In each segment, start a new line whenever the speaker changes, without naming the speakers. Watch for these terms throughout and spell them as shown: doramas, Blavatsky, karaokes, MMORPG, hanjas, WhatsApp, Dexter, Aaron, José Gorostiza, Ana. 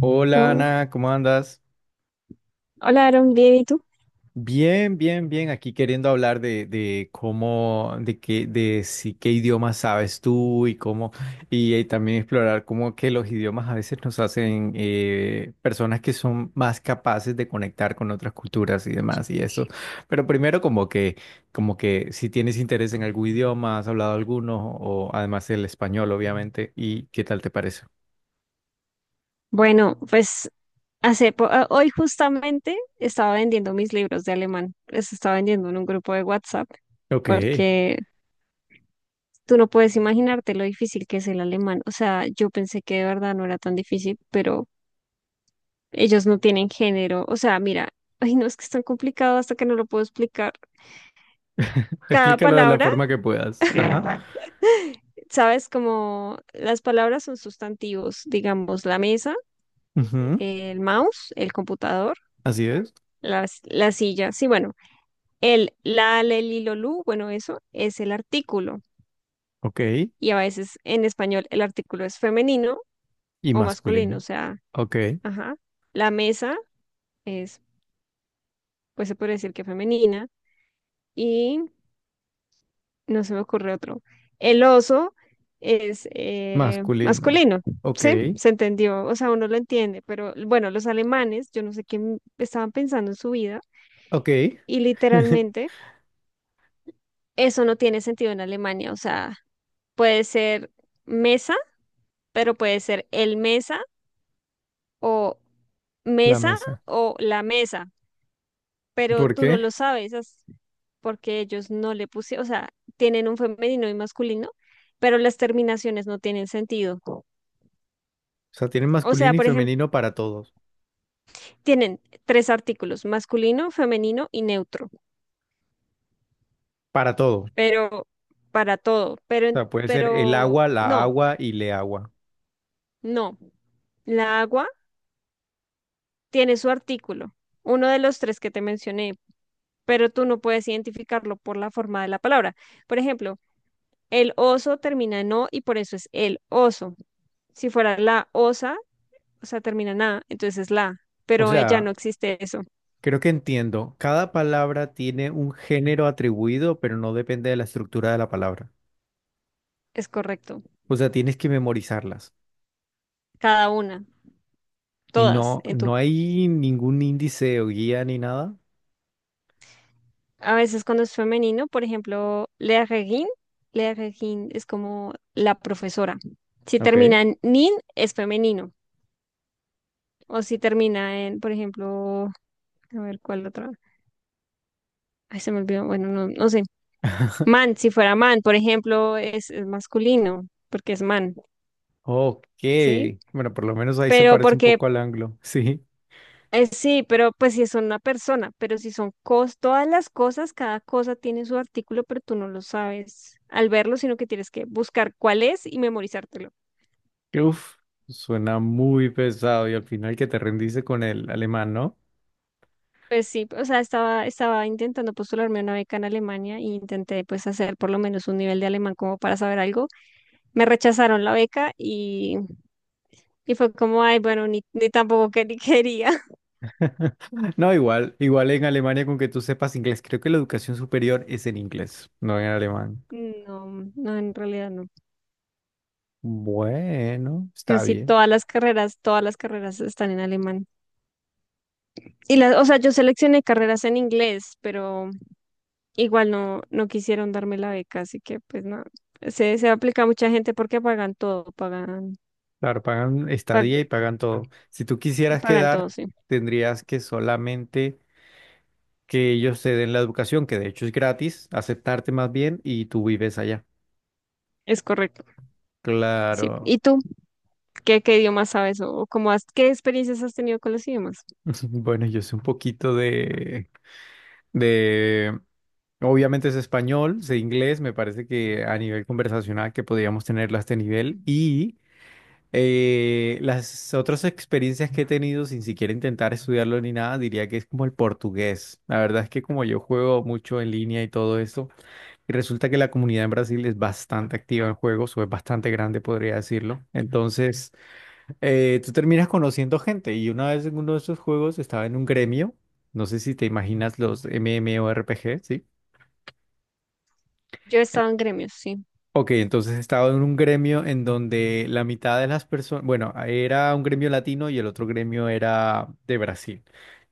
Hola
No.
Ana, ¿cómo andas?
Hola, Aaron, bien, ¿y tú?
Bien, bien, bien. Aquí queriendo hablar de cómo, de qué, de si qué idioma sabes tú y cómo, y, también explorar cómo que los idiomas a veces nos hacen personas que son más capaces de conectar con otras culturas y demás y eso. Pero primero como que si tienes interés en algún idioma, has hablado alguno o además el español, obviamente. ¿Y qué tal te parece?
Bueno, pues hoy justamente estaba vendiendo mis libros de alemán. Los estaba vendiendo en un grupo de WhatsApp
Ok,
porque tú no puedes imaginarte lo difícil que es el alemán. O sea, yo pensé que de verdad no era tan difícil, pero ellos no tienen género. O sea, mira, ay, no, es que es tan complicado hasta que no lo puedo explicar. Cada
explícalo de la
palabra,
forma que puedas. Ajá.
sabes, como las palabras son sustantivos, digamos, la mesa, el mouse, el computador,
Así es.
la silla. Sí, bueno. El la, la, el, lilo, lu, bueno, eso es el artículo.
Ok.
Y a veces en español el artículo es femenino
Y
o masculino, o
masculino.
sea,
Ok.
ajá. La mesa es, pues se puede decir que femenina. Y no se me ocurre otro. El oso es
Masculino.
masculino,
Ok.
¿sí? Se entendió, o sea, uno lo entiende, pero bueno, los alemanes, yo no sé qué estaban pensando en su vida
Ok.
y literalmente eso no tiene sentido en Alemania. O sea, puede ser mesa, pero puede ser el mesa o
La
mesa
mesa.
o la mesa, pero
¿Por
tú no lo
qué?
sabes porque ellos no le pusieron. O sea, tienen un femenino y masculino, pero las terminaciones no tienen sentido.
O sea, tienen
O sea,
masculino y
por ejemplo,
femenino para todos.
tienen tres artículos, masculino, femenino y neutro,
Para todo. O
pero para todo, pero, en-
sea, puede ser el
pero
agua, la
no,
agua y le agua.
no, la agua tiene su artículo, uno de los tres que te mencioné, pero tú no puedes identificarlo por la forma de la palabra. Por ejemplo, el oso termina en o y por eso es el oso. Si fuera la osa, o sea, termina en a, entonces es la.
O
Pero ya no
sea,
existe eso.
creo que entiendo. Cada palabra tiene un género atribuido, pero no depende de la estructura de la palabra.
Es correcto.
O sea, tienes que memorizarlas.
Cada una,
Y
todas.
no,
En tu.
no hay ningún índice o guía ni nada.
A veces, cuando es femenino, por ejemplo, la regin es como la profesora. Si
Ok.
termina en nin, es femenino. O si termina en, por ejemplo, a ver, ¿cuál otra? Ay, se me olvidó. Bueno, no, no sé. Man, si fuera man, por ejemplo, es masculino, porque es man,
Ok,
¿sí?
bueno, por lo menos ahí se
Pero
parece un
porque,
poco al anglo, sí.
sí, pero pues si son una persona, pero si son todas las cosas, cada cosa tiene su artículo, pero tú no lo sabes al verlo, sino que tienes que buscar cuál es y memorizártelo.
Uf, suena muy pesado y al final que te rendiste con el alemán, ¿no?
Pues sí, o sea, estaba intentando postularme a una beca en Alemania e intenté pues hacer por lo menos un nivel de alemán como para saber algo. Me rechazaron la beca y fue como, ay, bueno, ni tampoco que ni quería.
No, igual, igual en Alemania con que tú sepas inglés, creo que la educación superior es en inglés, no en alemán.
No, no, en realidad no.
Bueno, está
Casi
bien.
todas las carreras están en alemán. Y o sea, yo seleccioné carreras en inglés, pero igual no quisieron darme la beca, así que pues nada. Se aplica a mucha gente porque pagan todo,
Claro, pagan
pa-
estadía y pagan todo. Si tú quisieras
pagan todo,
quedar,
sí.
tendrías que solamente que ellos te den la educación, que de hecho es gratis, aceptarte más bien y tú vives allá.
Es correcto, sí.
Claro.
¿Y tú? ¿Qué idiomas sabes o cómo has, qué experiencias has tenido con los idiomas?
Bueno, yo sé un poquito de, obviamente es español, sé inglés, me parece que a nivel conversacional que podríamos tenerlo a este nivel y las otras experiencias que he tenido sin siquiera intentar estudiarlo ni nada, diría que es como el portugués. La verdad es que como yo juego mucho en línea y todo esto, y resulta que la comunidad en Brasil es bastante activa en juegos o es bastante grande, podría decirlo. Entonces tú terminas conociendo gente y una vez en uno de esos juegos estaba en un gremio, no sé si te imaginas los MMORPG, ¿sí?
Yo he estado en gremios, sí.
Ok, entonces estaba en un gremio en donde la mitad de las personas, bueno, era un gremio latino y el otro gremio era de Brasil.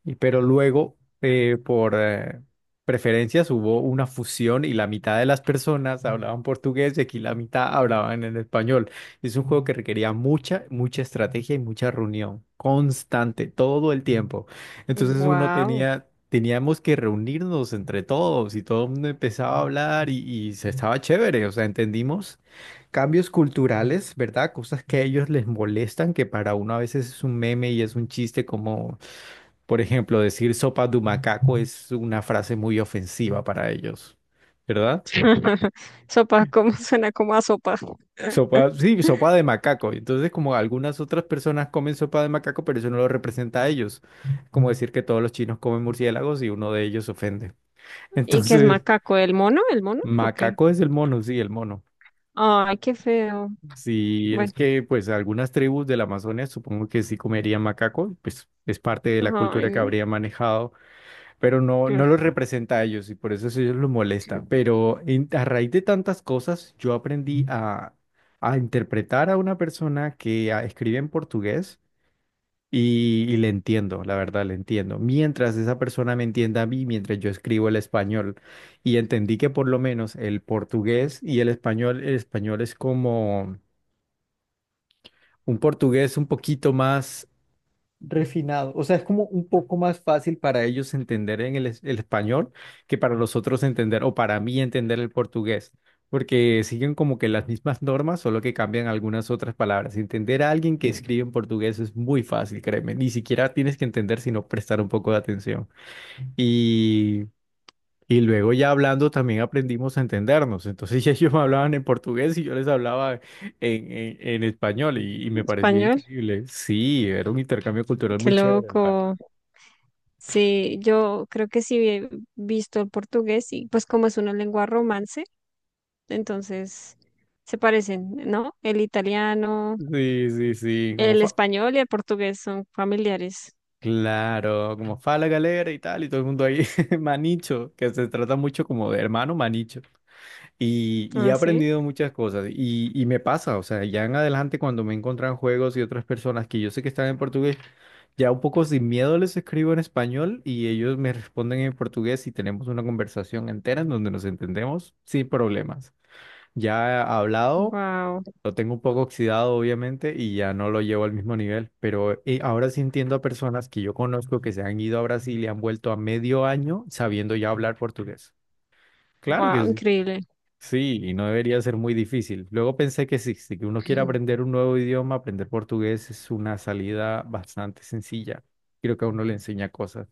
Y, pero luego, por preferencias, hubo una fusión y la mitad de las personas hablaban portugués y aquí la mitad hablaban en español. Es un juego que requería mucha, mucha estrategia y mucha reunión constante, todo el tiempo. Entonces uno
Wow.
tenía teníamos que reunirnos entre todos y todo el mundo empezaba a hablar y se estaba chévere, o sea, entendimos cambios culturales, ¿verdad? Cosas que a ellos les molestan, que para uno a veces es un meme y es un chiste como, por ejemplo, decir sopa de macaco es una frase muy ofensiva para ellos, ¿verdad?
Sopa, ¿cómo suena como a sopa?
Sopa, sí, sopa de macaco. Entonces, como algunas otras personas comen sopa de macaco, pero eso no lo representa a ellos. Como decir que todos los chinos comen murciélagos y uno de ellos se ofende.
¿Y qué es
Entonces,
macaco? ¿El mono? ¿El mono? ¿O qué?
macaco es el mono.
Ay, qué feo.
Sí, es
Bueno,
que pues algunas tribus de la Amazonia supongo que sí comerían macaco, pues es parte de la
ay,
cultura que
no.
habría manejado, pero no, no
Claro.
los representa a ellos y por eso a ellos los molesta. Pero a raíz de tantas cosas yo aprendí a interpretar a una persona que escribe en portugués y le entiendo, la verdad, le entiendo. Mientras esa persona me entienda a mí, mientras yo escribo el español, y entendí que por lo menos el portugués y el español es como un portugués un poquito más refinado. O sea, es como un poco más fácil para ellos entender el español que para los otros entender o para mí entender el portugués, porque siguen como que las mismas normas, solo que cambian algunas otras palabras. Entender a alguien que escribe en portugués es muy fácil, créeme. Ni siquiera tienes que entender, sino prestar un poco de atención. Y luego ya hablando también aprendimos a entendernos. Entonces ya ellos me hablaban en portugués y yo les hablaba en español y me parecía
Español.
increíble. Sí, era un intercambio cultural
Qué
muy chévere, la
loco.
verdad.
Sí, yo creo que sí he visto el portugués y pues como es una lengua romance, entonces se parecen, ¿no? El italiano,
Sí, sí, sí, como
el
fa.
español y el portugués son familiares.
Claro, como fa la galera y tal, y todo el mundo ahí, manicho, que se trata mucho como de hermano manicho. Y he
Ah, sí.
aprendido muchas cosas y me pasa, o sea, ya en adelante cuando me encuentran juegos y otras personas que yo sé que están en portugués, ya un poco sin miedo les escribo en español y ellos me responden en portugués y tenemos una conversación entera en donde nos entendemos sin problemas. Ya hablado,
Wow,
lo tengo un poco oxidado obviamente y ya no lo llevo al mismo nivel, pero ahora sí entiendo a personas que yo conozco que se han ido a Brasil y han vuelto a medio año sabiendo ya hablar portugués. Claro
wow,
que sí.
increíble.
Sí, y no debería ser muy difícil. Luego pensé que si uno quiere aprender un nuevo idioma, aprender portugués es una salida bastante sencilla. Creo que a uno le enseña cosas.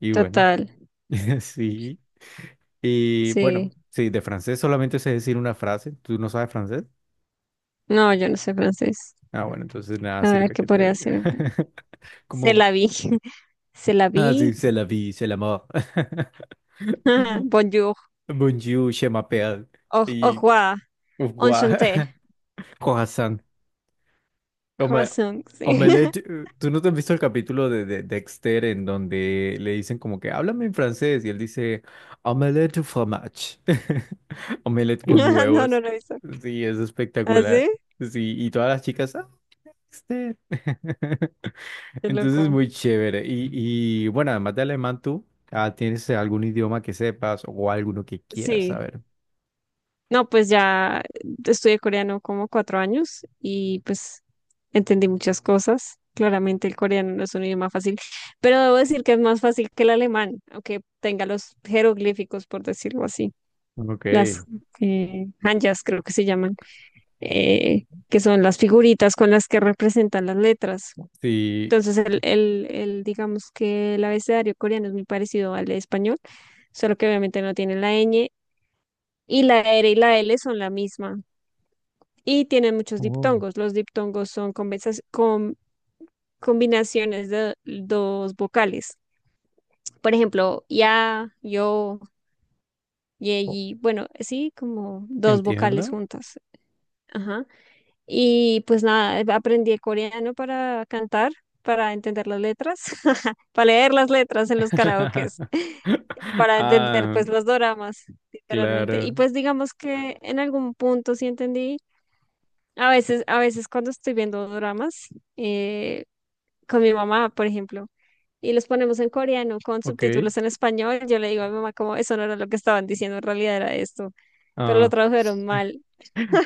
Y bueno,
Total.
sí. Y
Sí.
bueno, sí, de francés solamente sé decir una frase. ¿Tú no sabes francés?
No, yo no sé francés.
Ah, bueno, entonces nada
A ver,
sirve
¿qué
que te
podría
diga.
hacer? Se
Como,
la vi. Se la
ah, sí,
vi.
c'est la vie, c'est l'amour.
Bonjour.
Bonjour, je m'appelle.
Au
Y,
revoir.
guau,
Enchanté.
croissant. Hombre,
Croissant. Sí.
Omelette, ¿tú no te has visto el capítulo de Dexter en donde le dicen como que háblame en francés y él dice Omelette au fromage, Omelette con
No, no
huevos.
lo hizo.
Sí, es
¿Así?
espectacular. Sí, y todas las chicas, "Ah, Dexter.
Qué
Entonces
loco.
muy chévere. Y bueno, además de alemán, ¿tú tienes algún idioma que sepas o alguno que quieras
Sí.
saber?
No, pues ya estudié coreano como 4 años y pues entendí muchas cosas. Claramente el coreano no es un idioma fácil, pero debo decir que es más fácil que el alemán, aunque tenga los jeroglíficos, por decirlo así.
Ok,
Las hanjas creo que se llaman, que son las figuritas con las que representan las letras.
sí.
Entonces, digamos que el abecedario coreano es muy parecido al español, solo que obviamente no tiene la ñ y la R y la L son la misma y tienen muchos
Oh,
diptongos. Los diptongos son combinaciones de dos vocales. Por ejemplo, ya, yo, ye,
oh,
yi, bueno, sí, como dos vocales
entiendo.
juntas. Ajá. Y pues nada, aprendí coreano para cantar, para entender las letras, para leer las letras en los karaokes, para entender
Ah,
pues los doramas, literalmente. Y
claro.
pues digamos que en algún punto sí entendí. A veces cuando estoy viendo dramas eh, con mi mamá, por ejemplo, y los ponemos en coreano con
Ok.
subtítulos en español, yo le digo a mi mamá como eso no era lo que estaban diciendo, en realidad era esto, pero lo
Ah,
tradujeron mal.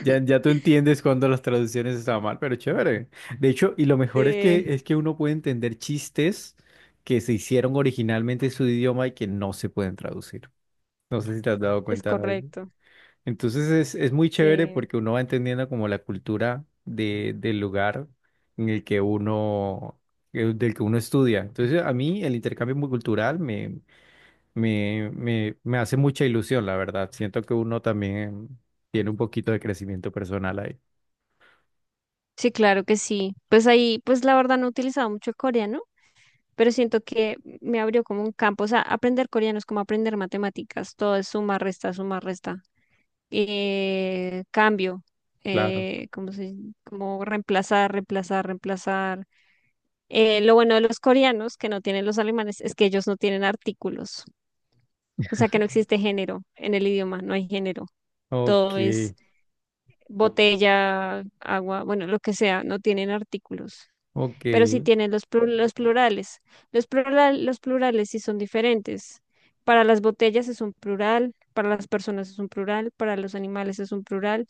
ya, ya tú entiendes cuando las traducciones están mal, pero chévere. De hecho, y lo mejor es
Sí,
que es que uno puede entender chistes que se hicieron originalmente en su idioma y que no se pueden traducir. No sé si te has dado
es
cuenta de eso.
correcto.
Entonces es muy chévere
Sí.
porque uno va entendiendo como la cultura del lugar en el que uno, del que uno estudia. Entonces, a mí el intercambio muy cultural me hace mucha ilusión, la verdad. Siento que uno también tiene un poquito de crecimiento personal ahí.
Sí, claro que sí. Pues ahí, pues la verdad no he utilizado mucho el coreano, pero siento que me abrió como un campo. O sea, aprender coreano es como aprender matemáticas. Todo es suma, resta, suma, resta. Cambio,
Claro.
eh, como, se, como reemplazar, reemplazar, reemplazar. Lo bueno de los coreanos, que no tienen los alemanes, es que ellos no tienen artículos, o sea que no existe género en el idioma, no hay género,
Ok,
todo es botella, agua, bueno, lo que sea, no tienen artículos.
ok,
Pero sí tienen los plurales. Los plurales sí son diferentes. Para las botellas es un plural, para las personas es un plural, para los animales es un plural,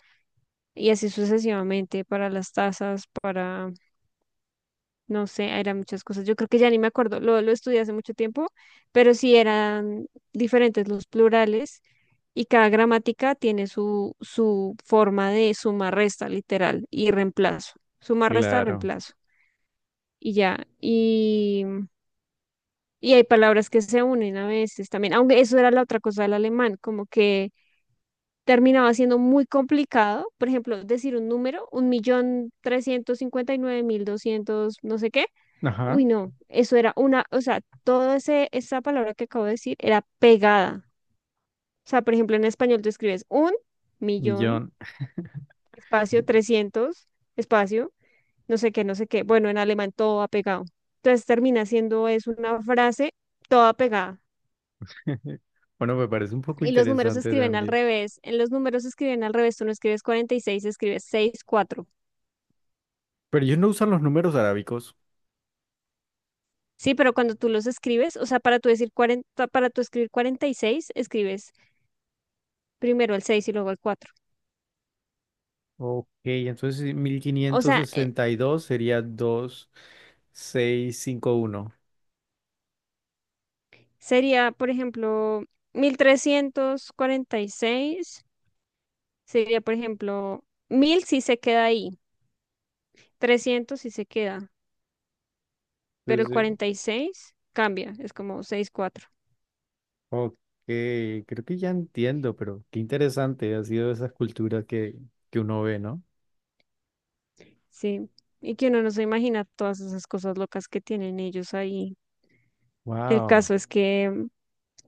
y así sucesivamente para las tazas, no sé, eran muchas cosas. Yo creo que ya ni me acuerdo, lo estudié hace mucho tiempo, pero sí eran diferentes los plurales y cada gramática tiene su forma de suma, resta, literal, y reemplazo. Suma, resta,
claro.
reemplazo. Y ya, y hay palabras que se unen a veces también, aunque eso era la otra cosa del alemán, como que terminaba siendo muy complicado, por ejemplo, decir un número, 1.359.200, no sé qué.
Ajá,
Uy, no, eso era una, o sea, toda esa palabra que acabo de decir era pegada. O sea, por ejemplo, en español tú escribes un millón,
millón.
espacio, trescientos, espacio, no sé qué, no sé qué. Bueno, en alemán todo va pegado. Entonces termina siendo es una frase toda pegada.
Bueno, me parece un poco
Y los números se
interesante
escriben al
también.
revés. En los números se escriben al revés. Tú no escribes 46, escribes sesenta y cuatro.
Pero ellos no usan los números arábicos.
Sí, pero cuando tú los escribes, o sea, para tú decir 40, para tú escribir 46, escribes primero el 6 y luego el cuatro.
Ok, entonces sí, mil
O
quinientos
sea,
sesenta y dos sería 2651.
sería, por ejemplo, 1346. Sería, por ejemplo, 1000 si se queda ahí, 300 si se queda, pero el
Entonces,
46 cambia, es como 6 4.
ok, creo que ya entiendo, pero qué interesante ha sido esas culturas que uno ve, ¿no?
Sí, y que uno no se imagina todas esas cosas locas que tienen ellos ahí. El
Wow.
caso es que.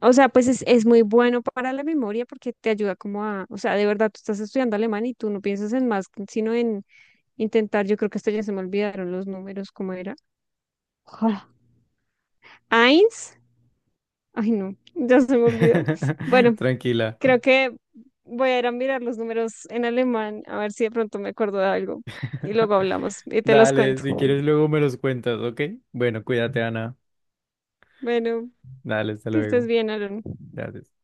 O sea, pues es muy bueno para la memoria porque te ayuda como a, o sea, de verdad tú estás estudiando alemán y tú no piensas en más, sino en intentar, yo creo que hasta ya se me olvidaron los números, ¿cómo era? Ah, Eins, ay no, ya se me olvidó. Bueno,
Tranquila.
creo que voy a ir a mirar los números en alemán, a ver si de pronto me acuerdo de algo y luego hablamos y te los
Dale,
cuento.
si quieres luego me los cuentas, ¿ok? Bueno, cuídate, Ana.
Bueno,
Dale, hasta
que estés
luego.
bien, Aaron.
Gracias.